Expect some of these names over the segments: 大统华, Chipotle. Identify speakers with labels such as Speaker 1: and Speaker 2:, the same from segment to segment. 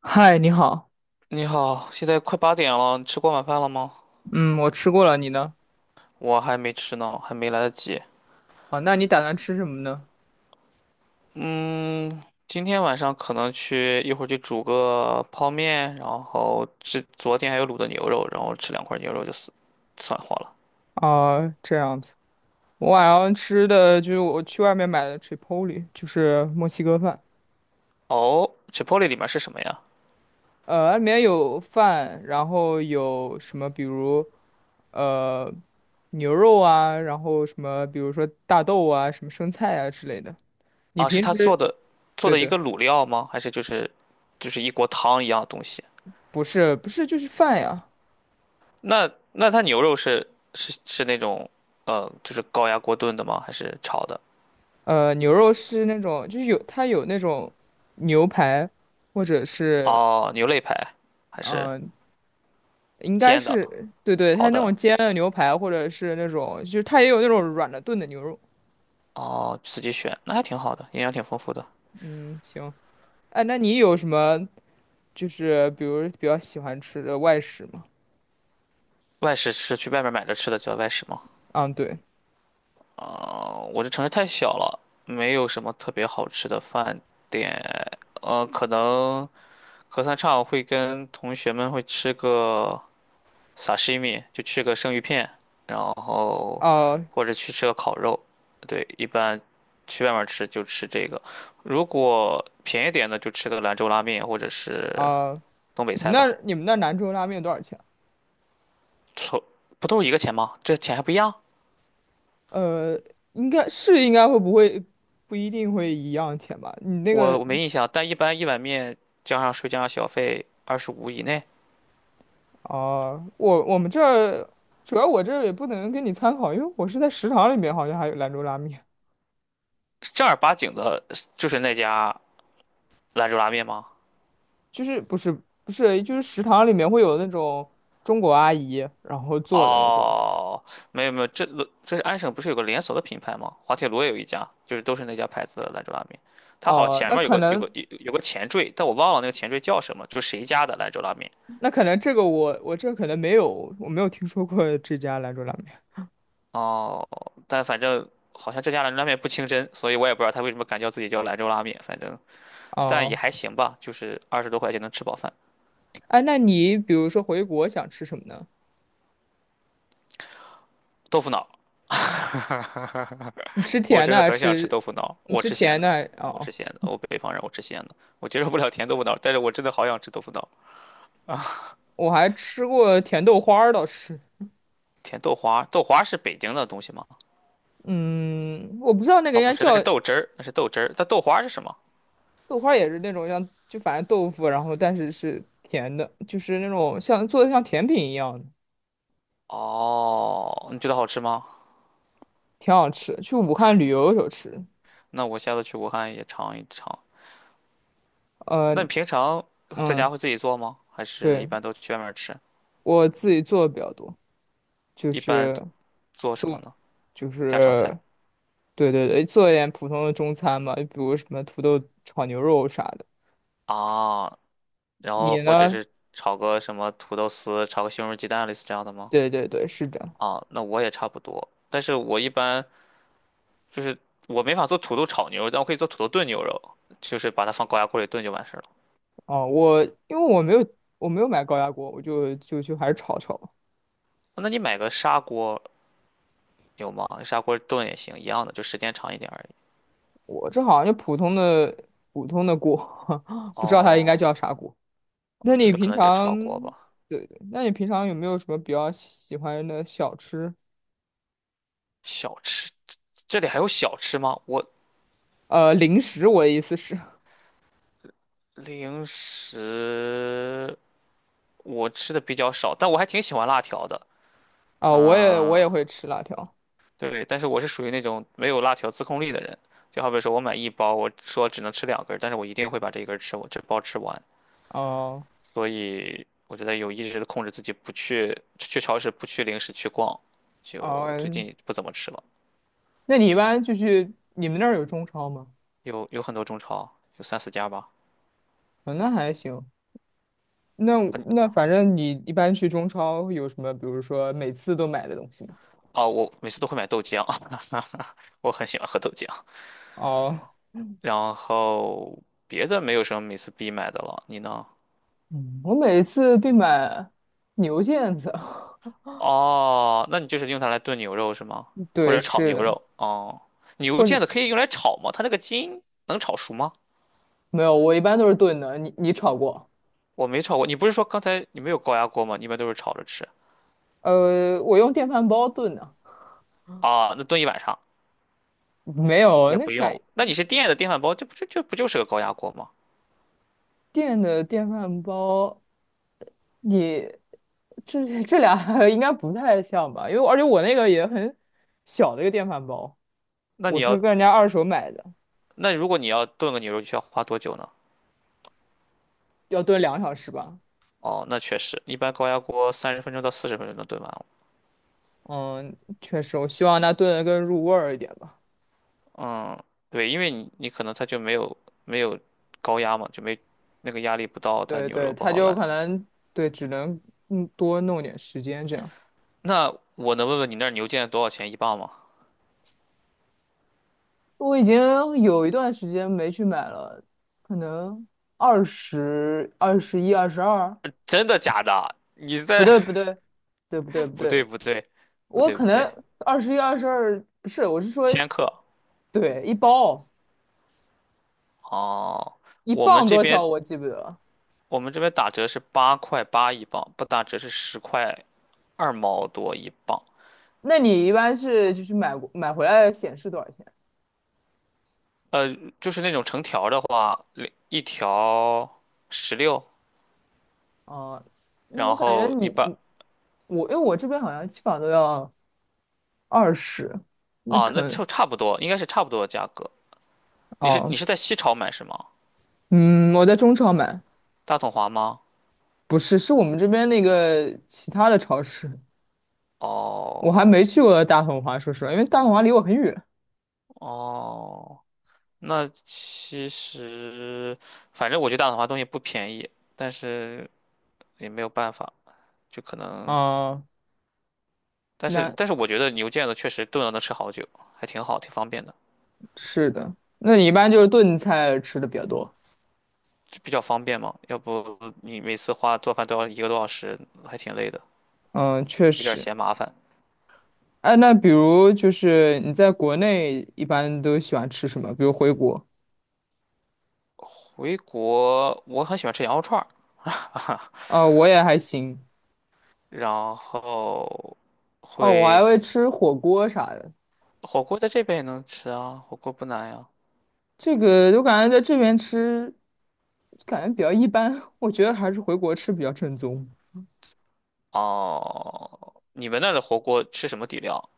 Speaker 1: 嗨，你好。
Speaker 2: 你好，现在快8点了，你吃过晚饭了吗？
Speaker 1: 嗯，我吃过了，你呢？
Speaker 2: 我还没吃呢，还没来得及。
Speaker 1: 啊，那你打算吃什么呢？
Speaker 2: 今天晚上可能一会儿去煮个泡面，然后吃昨天还有卤的牛肉，然后吃两块牛肉就算化了。
Speaker 1: 啊，这样子。我晚上吃的就是我去外面买的 Chipotle，就是墨西哥饭。
Speaker 2: 哦，Chipotle 里面是什么呀？
Speaker 1: 里面有饭，然后有什么，比如呃牛肉啊，然后什么，比如说大豆啊，什么生菜啊之类的。你
Speaker 2: 啊，是
Speaker 1: 平
Speaker 2: 他
Speaker 1: 时。
Speaker 2: 做的做
Speaker 1: 对
Speaker 2: 的一
Speaker 1: 对，
Speaker 2: 个卤料吗？还是就是一锅汤一样的东西？
Speaker 1: 不是不是，就是饭呀。
Speaker 2: 那他牛肉是那种就是高压锅炖的吗？还是炒的？
Speaker 1: 牛肉是那种就是它有那种牛排。或者是
Speaker 2: 哦，牛肋排还是
Speaker 1: 嗯、应该
Speaker 2: 煎的、
Speaker 1: 是对对。它
Speaker 2: 烤
Speaker 1: 那
Speaker 2: 的？
Speaker 1: 种煎的牛排，或者是那种，就是它也有那种软的炖的牛肉。
Speaker 2: 哦，自己选，那还挺好的，营养挺丰富的。
Speaker 1: 嗯，行。哎，那你有什么就是比如比较喜欢吃的外食吗？
Speaker 2: 外食是去外面买着吃的，叫外食吗？
Speaker 1: 嗯，对。
Speaker 2: 啊、我这城市太小了，没有什么特别好吃的饭店。可能隔三差五会跟同学们吃个 sashimi,就吃个生鱼片，然后
Speaker 1: 啊、
Speaker 2: 或者去吃个烤肉。对，一般去外面吃就吃这个，如果便宜点的就吃个兰州拉面或者是
Speaker 1: 啊、
Speaker 2: 东北
Speaker 1: 你们
Speaker 2: 菜
Speaker 1: 那
Speaker 2: 吧。
Speaker 1: 你们那兰州拉面多少钱？
Speaker 2: 臭，不都是一个钱吗？这钱还不一样？
Speaker 1: 呃，应该会不会不一定会一样钱吧？你那
Speaker 2: 我
Speaker 1: 个
Speaker 2: 我没印象，但一般一碗面加上税加上小费25以内，
Speaker 1: 啊、我们这儿主要我这儿也不能给你参考，因为我是在食堂里面，好像还有兰州拉面。
Speaker 2: 正儿八经的，就是那家兰州拉面吗？
Speaker 1: 就是不是不是，就是食堂里面会有那种中国阿姨，然后做的那种。
Speaker 2: 哦，没有没有，这是安省不是有个连锁的品牌吗？滑铁卢也有一家，就是都是那家牌子的兰州拉面。它好
Speaker 1: 哦、
Speaker 2: 前
Speaker 1: 那
Speaker 2: 面有
Speaker 1: 可
Speaker 2: 个有个
Speaker 1: 能
Speaker 2: 有有个前缀，但我忘了那个前缀叫什么，就是谁家的兰州拉面。
Speaker 1: 那可能这个我这可能没有，我没有听说过这家兰州拉面。
Speaker 2: 哦，但反正好像这家兰州拉面不清真，所以我也不知道他为什么敢叫自己叫兰州拉面，反正但也
Speaker 1: 哦、
Speaker 2: 还行吧，就是20多块钱能吃饱饭，
Speaker 1: 哎，那你比如说回国想吃什么呢？
Speaker 2: 豆腐脑。
Speaker 1: 你吃
Speaker 2: 我
Speaker 1: 甜的
Speaker 2: 真的
Speaker 1: 还是
Speaker 2: 很想吃
Speaker 1: 吃？
Speaker 2: 豆腐脑，
Speaker 1: 你
Speaker 2: 我
Speaker 1: 吃
Speaker 2: 吃咸
Speaker 1: 甜的
Speaker 2: 的，
Speaker 1: 还？
Speaker 2: 我
Speaker 1: 哦。
Speaker 2: 吃咸的，我北方人，我吃咸的，我接受不了甜豆腐脑，但是我真的好想吃豆腐脑。
Speaker 1: 我还吃过甜豆花儿倒是。
Speaker 2: 甜豆花，豆花是北京的东西吗？
Speaker 1: 嗯，我不知道那个
Speaker 2: 哦，
Speaker 1: 应
Speaker 2: 不
Speaker 1: 该
Speaker 2: 是，那是
Speaker 1: 叫
Speaker 2: 豆汁儿，那是豆汁儿。但豆花是什么？
Speaker 1: 豆花，也是那种像就反正豆腐，然后但是是甜的，就是那种像做的像甜品一样的。
Speaker 2: 哦，你觉得好吃吗？
Speaker 1: 挺好吃。去武汉旅游的时候吃。
Speaker 2: 那我下次去武汉也尝一尝。
Speaker 1: 呃，
Speaker 2: 那你平常在家
Speaker 1: 嗯，
Speaker 2: 会自己做吗？还是一
Speaker 1: 对，
Speaker 2: 般都去外面吃？
Speaker 1: 我自己做的比较多。就
Speaker 2: 一般
Speaker 1: 是
Speaker 2: 做什么
Speaker 1: 做，
Speaker 2: 呢？
Speaker 1: 就
Speaker 2: 家常菜
Speaker 1: 是对对对，做一点普通的中餐嘛，就比如什么土豆炒牛肉啥的。
Speaker 2: 啊，然后
Speaker 1: 你
Speaker 2: 或者
Speaker 1: 呢？
Speaker 2: 是炒个什么土豆丝，炒个西红柿鸡蛋，类似这样的吗？
Speaker 1: 对对对，是的。
Speaker 2: 啊，那我也差不多，但是我一般就是我没法做土豆炒牛肉，但我可以做土豆炖牛肉，就是把它放高压锅里炖就完事儿了。
Speaker 1: 哦，我因为我没有买高压锅，我就还是炒炒。
Speaker 2: 那你买个砂锅有吗？砂锅炖也行，一样的，就时间长一点而已。
Speaker 1: 我这好像就普通的锅，不知道它应该
Speaker 2: 哦，
Speaker 1: 叫啥锅。
Speaker 2: 哦
Speaker 1: 那
Speaker 2: 就
Speaker 1: 你
Speaker 2: 是
Speaker 1: 平
Speaker 2: 可能就是
Speaker 1: 常，
Speaker 2: 炒锅吧。
Speaker 1: 对对，那你平常有没有什么比较喜欢的小吃？
Speaker 2: 小吃，这里还有小吃吗？我
Speaker 1: 零食，我的意思是。
Speaker 2: 零食我吃的比较少，但我还挺喜欢辣条的。
Speaker 1: 啊、我也我
Speaker 2: 嗯，
Speaker 1: 也会吃辣条。
Speaker 2: 对，但是我是属于那种没有辣条自控力的人，就好比说我买一包，我说只能吃两根儿，但是我一定会把这一根儿吃，我这包吃完。
Speaker 1: 哦
Speaker 2: 所以我觉得有意识的控制自己，不去超市，不去零食去逛，就最
Speaker 1: 哦，
Speaker 2: 近不怎么吃了。
Speaker 1: 那你一般就是你们那儿有中超吗？
Speaker 2: 有很多中超，有三四家吧。
Speaker 1: 啊、那还行。那
Speaker 2: 嗯，
Speaker 1: 那反正你一般去中超会有什么，比如说每次都买的东西吗？
Speaker 2: 哦，我每次都会买豆浆，我很喜欢喝豆浆。
Speaker 1: 哦，
Speaker 2: 然后别的没有什么每次必买的了，你呢？
Speaker 1: 嗯我每次必买牛腱子。
Speaker 2: 哦，那你就是用它来炖牛肉是吗？或
Speaker 1: 对，
Speaker 2: 者炒
Speaker 1: 是
Speaker 2: 牛
Speaker 1: 的，
Speaker 2: 肉？哦，牛
Speaker 1: 或者
Speaker 2: 腱子可以用来炒吗？它那个筋能炒熟吗？
Speaker 1: 没有，我一般都是炖的。你炒过？
Speaker 2: 我没炒过。你不是说刚才你没有高压锅吗？你一般都是炒着吃
Speaker 1: 我用电饭煲炖的。
Speaker 2: 啊？那炖一晚上
Speaker 1: 没有
Speaker 2: 也
Speaker 1: 那
Speaker 2: 不
Speaker 1: 改
Speaker 2: 用。那你是电的电饭煲，这不就是个高压锅吗？
Speaker 1: 电的电饭煲，你这俩 应该不太像吧？因为而且我那个也很小的一个电饭煲，
Speaker 2: 那
Speaker 1: 我
Speaker 2: 你
Speaker 1: 是
Speaker 2: 要
Speaker 1: 跟人家二手买的，
Speaker 2: 那如果你要炖个牛肉，需要花多久呢？
Speaker 1: 要炖2小时吧。
Speaker 2: 哦，那确实，一般高压锅30分钟到40分钟能炖完了。
Speaker 1: 嗯，确实，我希望它炖的更入味儿一点吧。
Speaker 2: 嗯，对，因为你可能它就没有高压嘛，就没那个压力不到，它
Speaker 1: 对
Speaker 2: 牛肉
Speaker 1: 对，
Speaker 2: 不
Speaker 1: 它
Speaker 2: 好
Speaker 1: 就
Speaker 2: 烂。
Speaker 1: 可能对，只能多弄点时间这样。
Speaker 2: 那我能问问你那儿牛腱多少钱一磅吗？
Speaker 1: 我已经有一段时间没去买了，可能二十一、二十二。
Speaker 2: 真的假的？你
Speaker 1: 不
Speaker 2: 在？
Speaker 1: 对不 对，对不对不
Speaker 2: 不
Speaker 1: 对。
Speaker 2: 对不对不
Speaker 1: 我
Speaker 2: 对
Speaker 1: 可
Speaker 2: 不
Speaker 1: 能
Speaker 2: 对，
Speaker 1: 二十一、二十二不是，我是说
Speaker 2: 千克
Speaker 1: 对一包
Speaker 2: 哦。
Speaker 1: 一
Speaker 2: 我们
Speaker 1: 磅
Speaker 2: 这
Speaker 1: 多
Speaker 2: 边
Speaker 1: 少我记不得了。
Speaker 2: 我们这边打折是8块8一磅，不打折是10块2毛多一磅。
Speaker 1: 那你一般是就是买回来显示多少钱？
Speaker 2: 呃，就是那种成条的话，一条16，
Speaker 1: 啊？那我
Speaker 2: 然
Speaker 1: 感觉
Speaker 2: 后
Speaker 1: 你
Speaker 2: 一把
Speaker 1: 你我因为我这边好像基本上都要二十，那
Speaker 2: 啊，那
Speaker 1: 可能
Speaker 2: 就差不多，应该是差不多的价格。你是你
Speaker 1: 哦，
Speaker 2: 是在西潮买是吗？
Speaker 1: 嗯，我在中超买。
Speaker 2: 大统华吗？
Speaker 1: 不是，是我们这边那个其他的超市。我还
Speaker 2: 哦
Speaker 1: 没去过大统华，说实话，因为大统华离我很远
Speaker 2: 哦。那其实，反正我觉得大统华东西不便宜，但是也没有办法，就可能，
Speaker 1: 啊。
Speaker 2: 但是
Speaker 1: 那
Speaker 2: 但是我觉得牛腱子确实炖了能吃好久，还挺好，挺方便的，
Speaker 1: 是的，那你一般就是炖菜吃的比较多。
Speaker 2: 就比较方便嘛。要不你每次花做饭都要1个多小时，还挺累的，
Speaker 1: 嗯，确
Speaker 2: 有点
Speaker 1: 实。
Speaker 2: 嫌麻烦。
Speaker 1: 哎，那比如就是你在国内一般都喜欢吃什么？比如回国
Speaker 2: 回国我很喜欢吃羊肉串儿，
Speaker 1: 啊，我也还行。
Speaker 2: 然后
Speaker 1: 哦，我
Speaker 2: 会
Speaker 1: 还会吃火锅啥的。
Speaker 2: 火锅在这边也能吃啊，火锅不难呀。
Speaker 1: 这个我感觉在这边吃，感觉比较一般。我觉得还是回国吃比较正宗。
Speaker 2: 哦，你们那儿的火锅吃什么底料？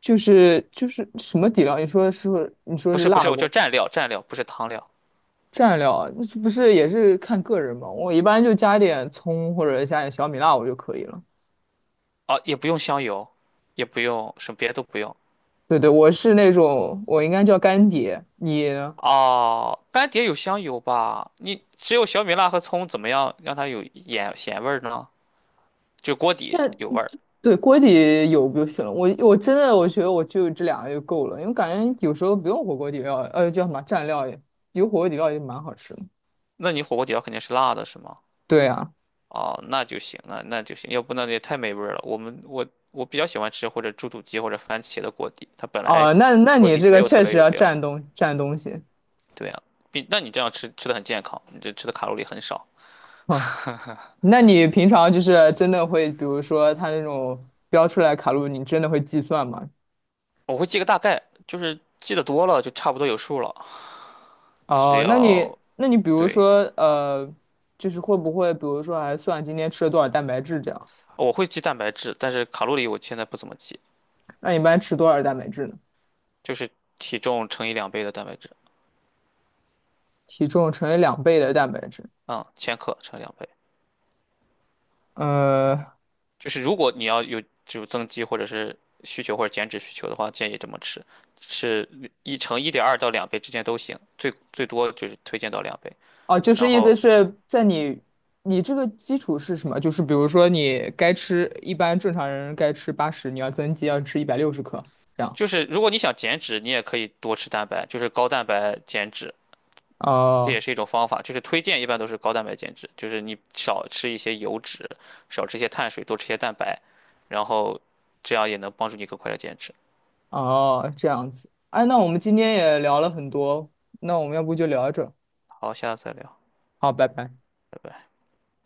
Speaker 1: 就是什么底料？你说是你说
Speaker 2: 不
Speaker 1: 是
Speaker 2: 是不
Speaker 1: 辣
Speaker 2: 是，我就
Speaker 1: 锅
Speaker 2: 蘸料，不是汤料
Speaker 1: 蘸料，那是不是也是看个人嘛？我一般就加点葱或者加点小米辣我就可以了。
Speaker 2: 啊，也不用香油，也不用什么别的都不用。
Speaker 1: 对对，我是那种我应该叫干碟，你呢
Speaker 2: 哦，干碟有香油吧？你只有小米辣和葱，怎么样让它有盐咸味儿呢？就锅底
Speaker 1: 那
Speaker 2: 有味儿。
Speaker 1: 对锅底有就行了。我我真的我觉得我就这两个就够了，因为感觉有时候不用火锅底料，叫什么蘸料也有火锅底料也蛮好吃的。
Speaker 2: 那你火锅底料肯定是辣的，是吗？
Speaker 1: 对啊，
Speaker 2: 哦，那就行，那就行，要不那也太没味儿了。我们我我比较喜欢吃或者猪肚鸡或者番茄的锅底，它本来
Speaker 1: 哦，那
Speaker 2: 锅
Speaker 1: 你
Speaker 2: 底
Speaker 1: 这
Speaker 2: 没
Speaker 1: 个
Speaker 2: 有特
Speaker 1: 确
Speaker 2: 别
Speaker 1: 实
Speaker 2: 有
Speaker 1: 要
Speaker 2: 料。
Speaker 1: 蘸东西。
Speaker 2: 对啊，你这样吃的很健康，你这吃的卡路里很少。
Speaker 1: 哼 那你平常就是真的会，比如说它那种标出来卡路里，你真的会计算吗？
Speaker 2: 我会记个大概，就是记得多了就差不多有数了。只
Speaker 1: 哦，那你
Speaker 2: 要
Speaker 1: 那你比如
Speaker 2: 对，
Speaker 1: 说就是会不会比如说还算今天吃了多少蛋白质这样？
Speaker 2: 我会记蛋白质，但是卡路里我现在不怎么记，
Speaker 1: 那你一般吃多少蛋白质呢？
Speaker 2: 就是体重乘以两倍的蛋白质，
Speaker 1: 体重乘以2倍的蛋白质。
Speaker 2: 嗯，千克乘以两倍。
Speaker 1: 呃，
Speaker 2: 就是如果你要有增肌或者是需求或者减脂需求的话，建议这么吃，是一乘1.2到两倍之间都行，最多就是推荐到两倍。
Speaker 1: 哦，就是
Speaker 2: 然
Speaker 1: 意思
Speaker 2: 后
Speaker 1: 是在你这个基础是什么？就是比如说你该吃，一般正常人该吃80，你要增肌要吃160克这样。
Speaker 2: 就是如果你想减脂，你也可以多吃蛋白，就是高蛋白减脂。这
Speaker 1: 哦、
Speaker 2: 也是一种方法，就是推荐一般都是高蛋白减脂，就是你少吃一些油脂，少吃一些碳水，多吃一些蛋白，然后这样也能帮助你更快的减脂。
Speaker 1: 哦，这样子。哎，那我们今天也聊了很多，那我们要不就聊着？
Speaker 2: 好，下次再聊，
Speaker 1: 好，拜拜。
Speaker 2: 拜拜。